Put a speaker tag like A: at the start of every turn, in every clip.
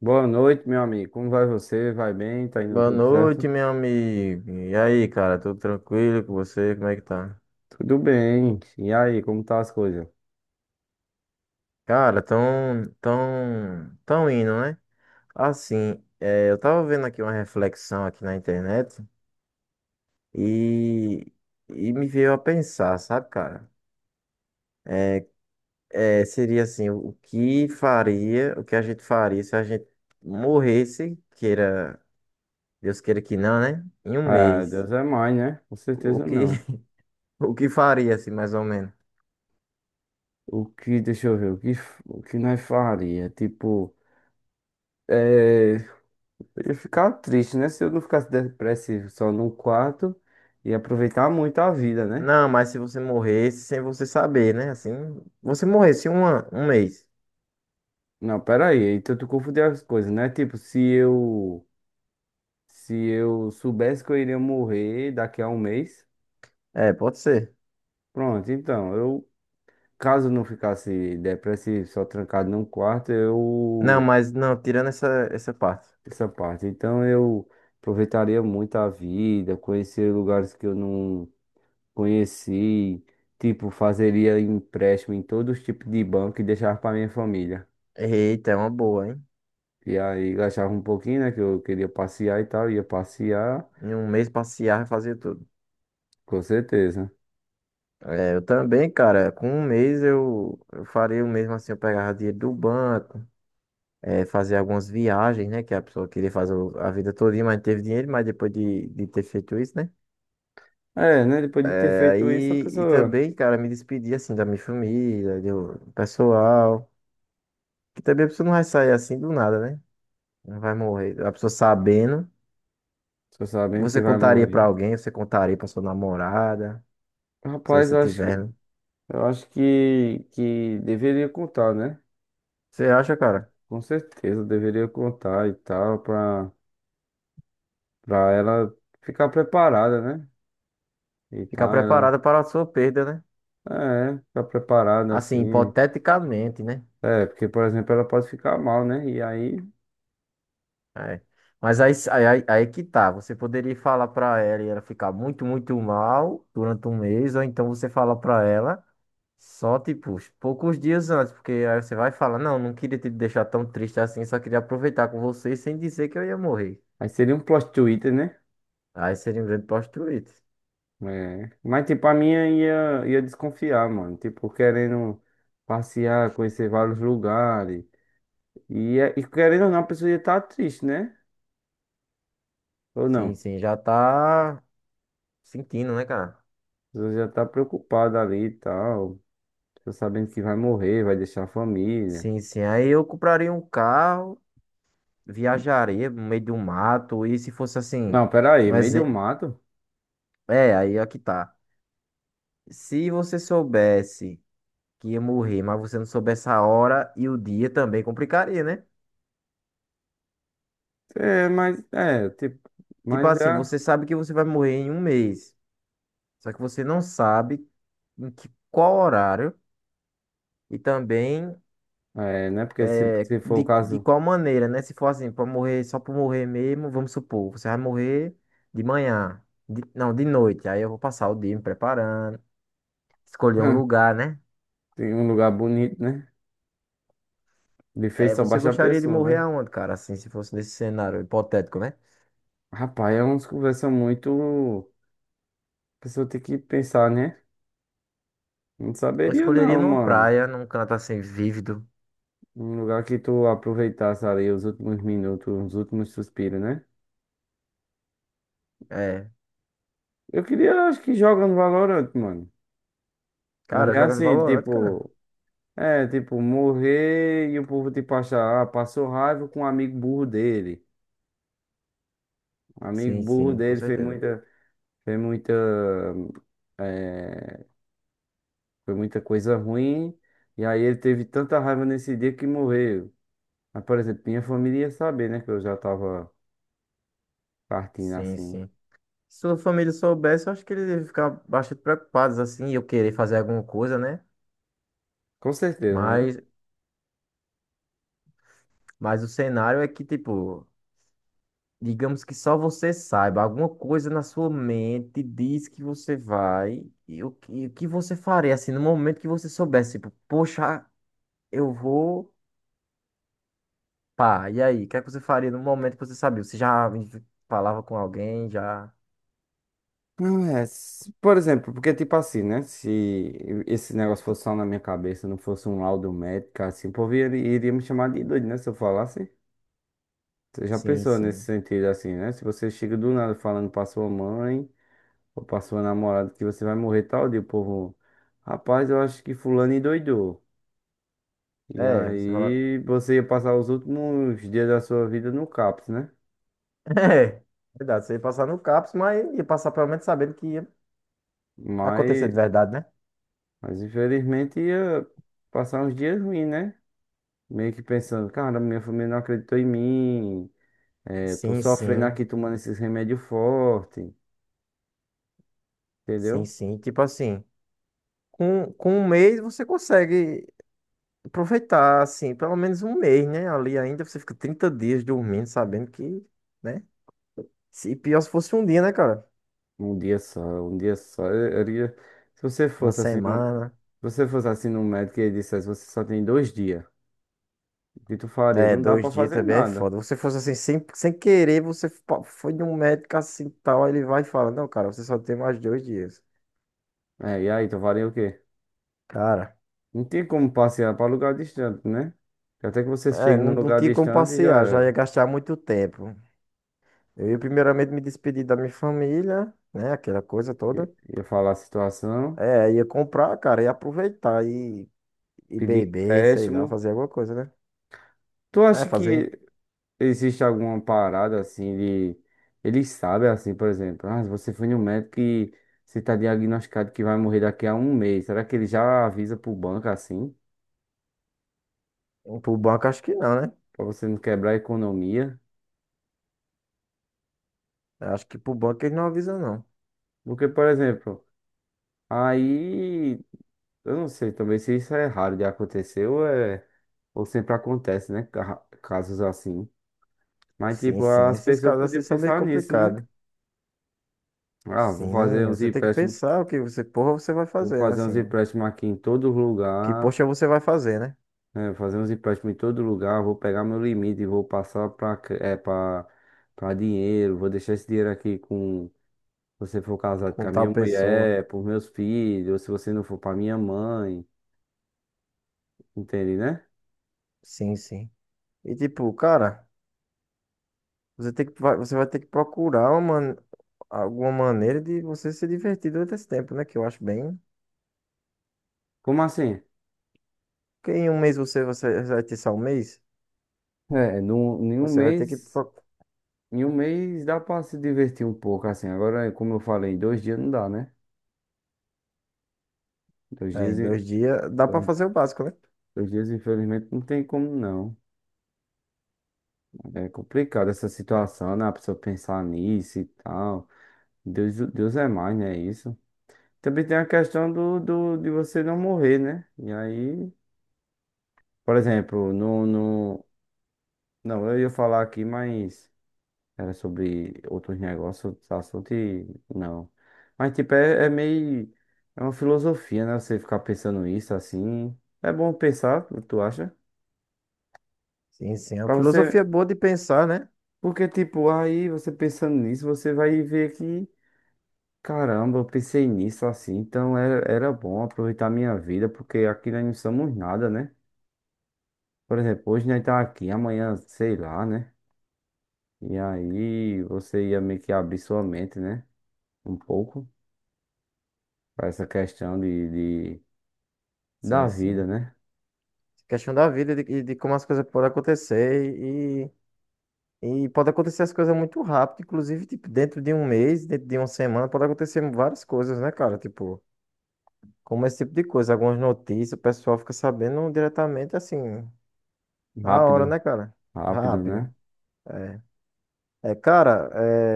A: Boa noite, meu amigo. Como vai você? Vai bem? Tá indo
B: Boa
A: tudo certo?
B: noite, meu amigo. E aí, cara, tudo tranquilo com você? Como é que tá?
A: Tudo bem. E aí, como tá as coisas?
B: Cara, tão indo, né? Assim, eu tava vendo aqui uma reflexão aqui na internet e, e me veio a pensar, sabe, cara? Seria assim, o que faria, o que a gente faria se a gente morresse, Deus queira que não, né? Em um
A: Ah,
B: mês.
A: Deus é mais, né? Com
B: O
A: certeza
B: que,
A: não.
B: o que faria, assim, mais ou menos?
A: O que, deixa eu ver, o que nós faria? Tipo, é, eu ia ficar triste, né? Se eu não ficasse depressivo só num quarto e aproveitar muito a vida, né?
B: Não, mas se você morresse sem você saber, né? Assim, você morresse um mês.
A: Não, pera aí. Então tu confundiu as coisas, né? Tipo, se eu soubesse que eu iria morrer daqui a um mês,
B: É, pode ser.
A: pronto. Então, eu caso não ficasse depressivo, só trancado num quarto,
B: Não,
A: eu.
B: mas não, tirando essa parte.
A: Essa parte. Então eu aproveitaria muito a vida, conhecer lugares que eu não conheci, tipo, fazeria empréstimo em todos os tipos de banco e deixava para minha família.
B: Eita, é uma boa, hein?
A: E aí gastava um pouquinho, né? Que eu queria passear e tal, ia passear,
B: Em um mês passear e fazer tudo.
A: com certeza.
B: É, eu também, cara, com um mês eu faria o mesmo assim, eu pegava dinheiro do banco, fazer algumas viagens, né? Que a pessoa queria fazer a vida todinha, mas não teve dinheiro, mas depois de ter feito isso, né?
A: É, né? Depois de ter
B: É,
A: feito isso, a
B: aí, e
A: pessoa
B: também, cara, me despedir assim da minha família, do pessoal. Que também a pessoa não vai sair assim do nada, né? Não vai morrer. A pessoa sabendo,
A: só sabendo que
B: você
A: vai
B: contaria pra
A: morrer.
B: alguém, você contaria pra sua namorada, se
A: Rapaz,
B: você
A: eu acho
B: tiver,
A: que,
B: né?
A: eu acho que, que deveria contar, né?
B: Você acha, cara?
A: Com certeza, deveria contar e tal, pra ela ficar preparada, né? E
B: Ficar
A: tal, ela.
B: preparada para a sua perda, né?
A: É, ficar preparada
B: Assim,
A: assim.
B: hipoteticamente, né?
A: É, porque, por exemplo, ela pode ficar mal, né? E aí.
B: É. Mas aí que tá. Você poderia falar pra ela e ela ficar muito, muito mal durante um mês, ou então você fala pra ela só, tipo, uns poucos dias antes, porque aí você vai falar, não, não queria te deixar tão triste assim, só queria aproveitar com você sem dizer que eu ia morrer.
A: Aí seria um plot twist, né?
B: Aí seria um grande plot twist.
A: É. Mas, tipo, a minha ia desconfiar, mano. Tipo, querendo passear, conhecer vários lugares. E, e querendo ou não, a pessoa ia estar triste, né? Ou não?
B: Sim,
A: A
B: sim, já tá sentindo, né, cara?
A: pessoa já tá preocupada ali e tal. Tá sabendo que vai morrer, vai deixar a família.
B: Sim, sim. Aí eu compraria um carro, viajaria no meio do mato, e se fosse assim,
A: Não, peraí,
B: um
A: meio do
B: exemplo.
A: mato?
B: É, aí aqui tá. Se você soubesse que ia morrer, mas você não soubesse a hora e o dia também complicaria, né?
A: É, mas, é, tipo,
B: Tipo
A: mas
B: assim,
A: é,
B: você sabe que você vai morrer em um mês, só que você não sabe qual horário e também
A: né? Porque se,
B: É,
A: se for o
B: de, de
A: caso,
B: qual maneira, né? Se for assim, pra morrer só por morrer mesmo, vamos supor, você vai morrer de manhã, não, de noite. Aí eu vou passar o dia me preparando, escolher um lugar, né?
A: tem um lugar bonito, né? De fez
B: É,
A: só
B: você
A: baixa a
B: gostaria de
A: pessoa,
B: morrer
A: né?
B: aonde, cara? Assim, se fosse nesse cenário hipotético, né?
A: Rapaz, é umas conversas muito. A pessoa tem que pensar, né? Não
B: Eu
A: saberia,
B: escolheria
A: não,
B: numa
A: mano.
B: praia, num canto assim, vívido.
A: Um lugar que tu aproveitasse ali os últimos minutos, os últimos suspiros, né?
B: É,
A: Eu queria, acho que joga no Valorant, mano.
B: cara,
A: Morrer
B: jogando
A: assim,
B: Valorant, cara.
A: tipo. É, tipo, morrer e o povo, tipo, achar, ah, passou raiva com um amigo burro dele. O amigo
B: Sim,
A: burro
B: sim, com
A: dele
B: certeza.
A: fez muita, eh, foi muita coisa ruim. E aí ele teve tanta raiva nesse dia que morreu. Mas, por exemplo, minha família ia saber, né? Que eu já tava partindo
B: Sim,
A: assim.
B: sim. Se sua família soubesse, eu acho que eles iam ficar bastante preocupados, assim, eu querer fazer alguma coisa, né?
A: Com certeza, né?
B: Mas Mas o cenário é que, tipo, digamos que só você saiba, alguma coisa na sua mente diz que você vai, e o que você faria, assim, no momento que você soubesse, tipo, poxa, eu vou, pá, e aí, o que é que você faria no momento que você sabia? Você já falava com alguém, já,
A: Não é, se- por exemplo, porque tipo assim, né? Se esse negócio fosse só na minha cabeça, não fosse um laudo médico, assim, o povo iria me chamar de doido, né? Se eu falasse. Você já
B: sim,
A: pensou nesse
B: sim.
A: sentido assim, né? Se você chega do nada falando pra sua mãe. Ou pra sua namorada que você vai morrer tal dia, o povo. Rapaz, eu acho que fulano endoidou. E
B: É, você fala...
A: aí você ia passar os últimos dias da sua vida no CAPS, né?
B: É, verdade, você ia passar no CAPS, mas ia passar pelo menos sabendo que ia acontecer
A: Mas,
B: de verdade, né?
A: mas infelizmente ia passar uns dias ruins, né? Meio que pensando, cara, minha família não acreditou em mim. É, tô
B: Sim,
A: sofrendo
B: sim,
A: aqui tomando esses remédios fortes,
B: sim,
A: entendeu?
B: sim, tipo assim... Com um mês você consegue. Aproveitar, assim, pelo menos um mês, né? Ali ainda você fica 30 dias dormindo, sabendo que, né? Se pior se fosse um dia, né, cara?
A: Um dia só, um dia só. Se você
B: Uma
A: fosse assim, se
B: semana,
A: você fosse assim no médico e ele dissesse, você só tem 2 dias. O que tu faria? Não dá pra
B: 2 dias
A: fazer
B: também é
A: nada.
B: foda. Você fosse assim, sem querer, você foi num médico assim tal, aí ele vai e fala: Não, cara, você só tem mais 2 dias.
A: É, e aí, tu faria o quê?
B: Cara,
A: Não tem como passear pra lugar distante, né? Até que você chegue num
B: não, não
A: lugar
B: tinha como
A: distante, já
B: passear, já ia
A: era.
B: gastar muito tempo. Eu ia primeiramente me despedir da minha família, né? Aquela coisa toda.
A: Ia falar a situação,
B: É, ia comprar, cara, ia aproveitar e
A: pedir
B: beber, sei lá,
A: empréstimo.
B: fazer alguma coisa, né?
A: Tu
B: É,
A: acha
B: fazer em,
A: que existe alguma parada assim de. Eles sabem, assim, por exemplo, ah, você foi no médico e você tá diagnosticado que vai morrer daqui a um mês. Será que ele já avisa pro banco assim?
B: Pro banco, acho que não, né?
A: Pra você não quebrar a economia?
B: Eu acho que pro banco eles não avisam, não.
A: Porque, por exemplo, aí. Eu não sei também se isso é raro de acontecer ou sempre acontece, né? Casos assim. Mas,
B: Sim,
A: tipo,
B: sim,
A: as
B: esses
A: pessoas
B: casos assim
A: podiam
B: são meio
A: pensar nisso, né?
B: complicados.
A: Ah, vou fazer
B: Sim,
A: uns
B: você tem que
A: empréstimos,
B: pensar o que você, porra, você vai
A: vou
B: fazer, né?
A: fazer uns
B: Assim,
A: empréstimos aqui em todo
B: que
A: lugar,
B: poxa você vai fazer, né?
A: né? Fazer uns empréstimos em todo lugar, vou pegar meu limite e vou passar para é, para para dinheiro, vou deixar esse dinheiro aqui com, se você for casado com
B: Com
A: a minha
B: tal pessoa.
A: mulher, para meus filhos, ou se você não for para minha mãe, entende, né?
B: Sim, sim. E tipo, cara, você vai ter que procurar alguma maneira de você se divertir durante esse tempo, né? Que eu acho bem.
A: Como assim?
B: Porque em um mês você vai ter só um mês,
A: Em um
B: você vai ter que.
A: mês. Em um mês dá pra se divertir um pouco, assim. Agora, como eu falei, em 2 dias não dá, né? Dois
B: É,
A: dias,
B: em
A: e-
B: 2 dias, dá pra
A: dois,
B: fazer o básico, né?
A: dois dias, infelizmente, não tem como não. É complicado essa situação, né? A pessoa pensar nisso e tal. Deus é mais, né? Isso. Também tem a questão de você não morrer, né? E aí, por exemplo, Não, eu ia falar aqui, mas... Era sobre outros negócios, outros assuntos e não. Mas, tipo, é meio. É uma filosofia, né? Você ficar pensando isso assim. É bom pensar, tu acha?
B: Sim, sim. É uma
A: Pra você.
B: filosofia boa de pensar, né?
A: Porque, tipo, aí você pensando nisso, você vai ver que. Caramba, eu pensei nisso assim. Então era bom aproveitar a minha vida, porque aqui nós não somos nada, né? Por exemplo, hoje nós tá aqui, amanhã, sei lá, né? E aí você ia meio que abrir sua mente, né? Um pouco. Para essa questão da
B: Sim, sim.
A: vida, né?
B: Questão da vida e de como as coisas podem acontecer e pode acontecer as coisas muito rápido, inclusive, tipo, dentro de um mês, dentro de uma semana, pode acontecer várias coisas, né, cara? Tipo, como esse tipo de coisa, algumas notícias, o pessoal fica sabendo diretamente, assim, na hora,
A: Rápido,
B: né, cara?
A: rápido,
B: Rápido.
A: né?
B: É, é cara,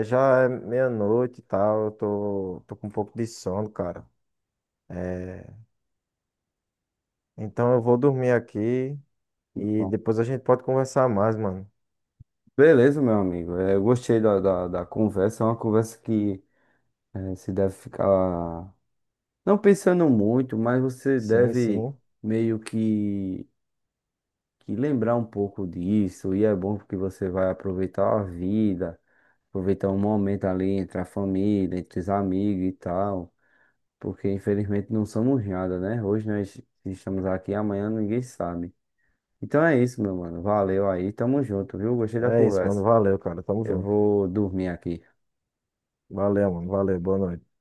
B: já é meia-noite e tal, eu tô com um pouco de sono, cara. É, então eu vou dormir aqui. E
A: Bom,
B: depois a gente pode conversar mais, mano.
A: beleza, meu amigo. É, eu gostei da conversa. É uma conversa que é, se deve ficar não pensando muito, mas você
B: Sim,
A: deve
B: sim.
A: meio que lembrar um pouco disso. E é bom porque você vai aproveitar a vida, aproveitar um momento ali entre a família, entre os amigos e tal. Porque infelizmente não somos nada, né? Hoje nós estamos aqui, amanhã ninguém sabe. Então é isso, meu mano. Valeu aí, tamo junto, viu? Gostei da
B: É isso, mano.
A: conversa.
B: Valeu, cara. Tamo
A: Eu
B: junto.
A: vou dormir aqui.
B: Valeu, mano. Valeu. Boa noite.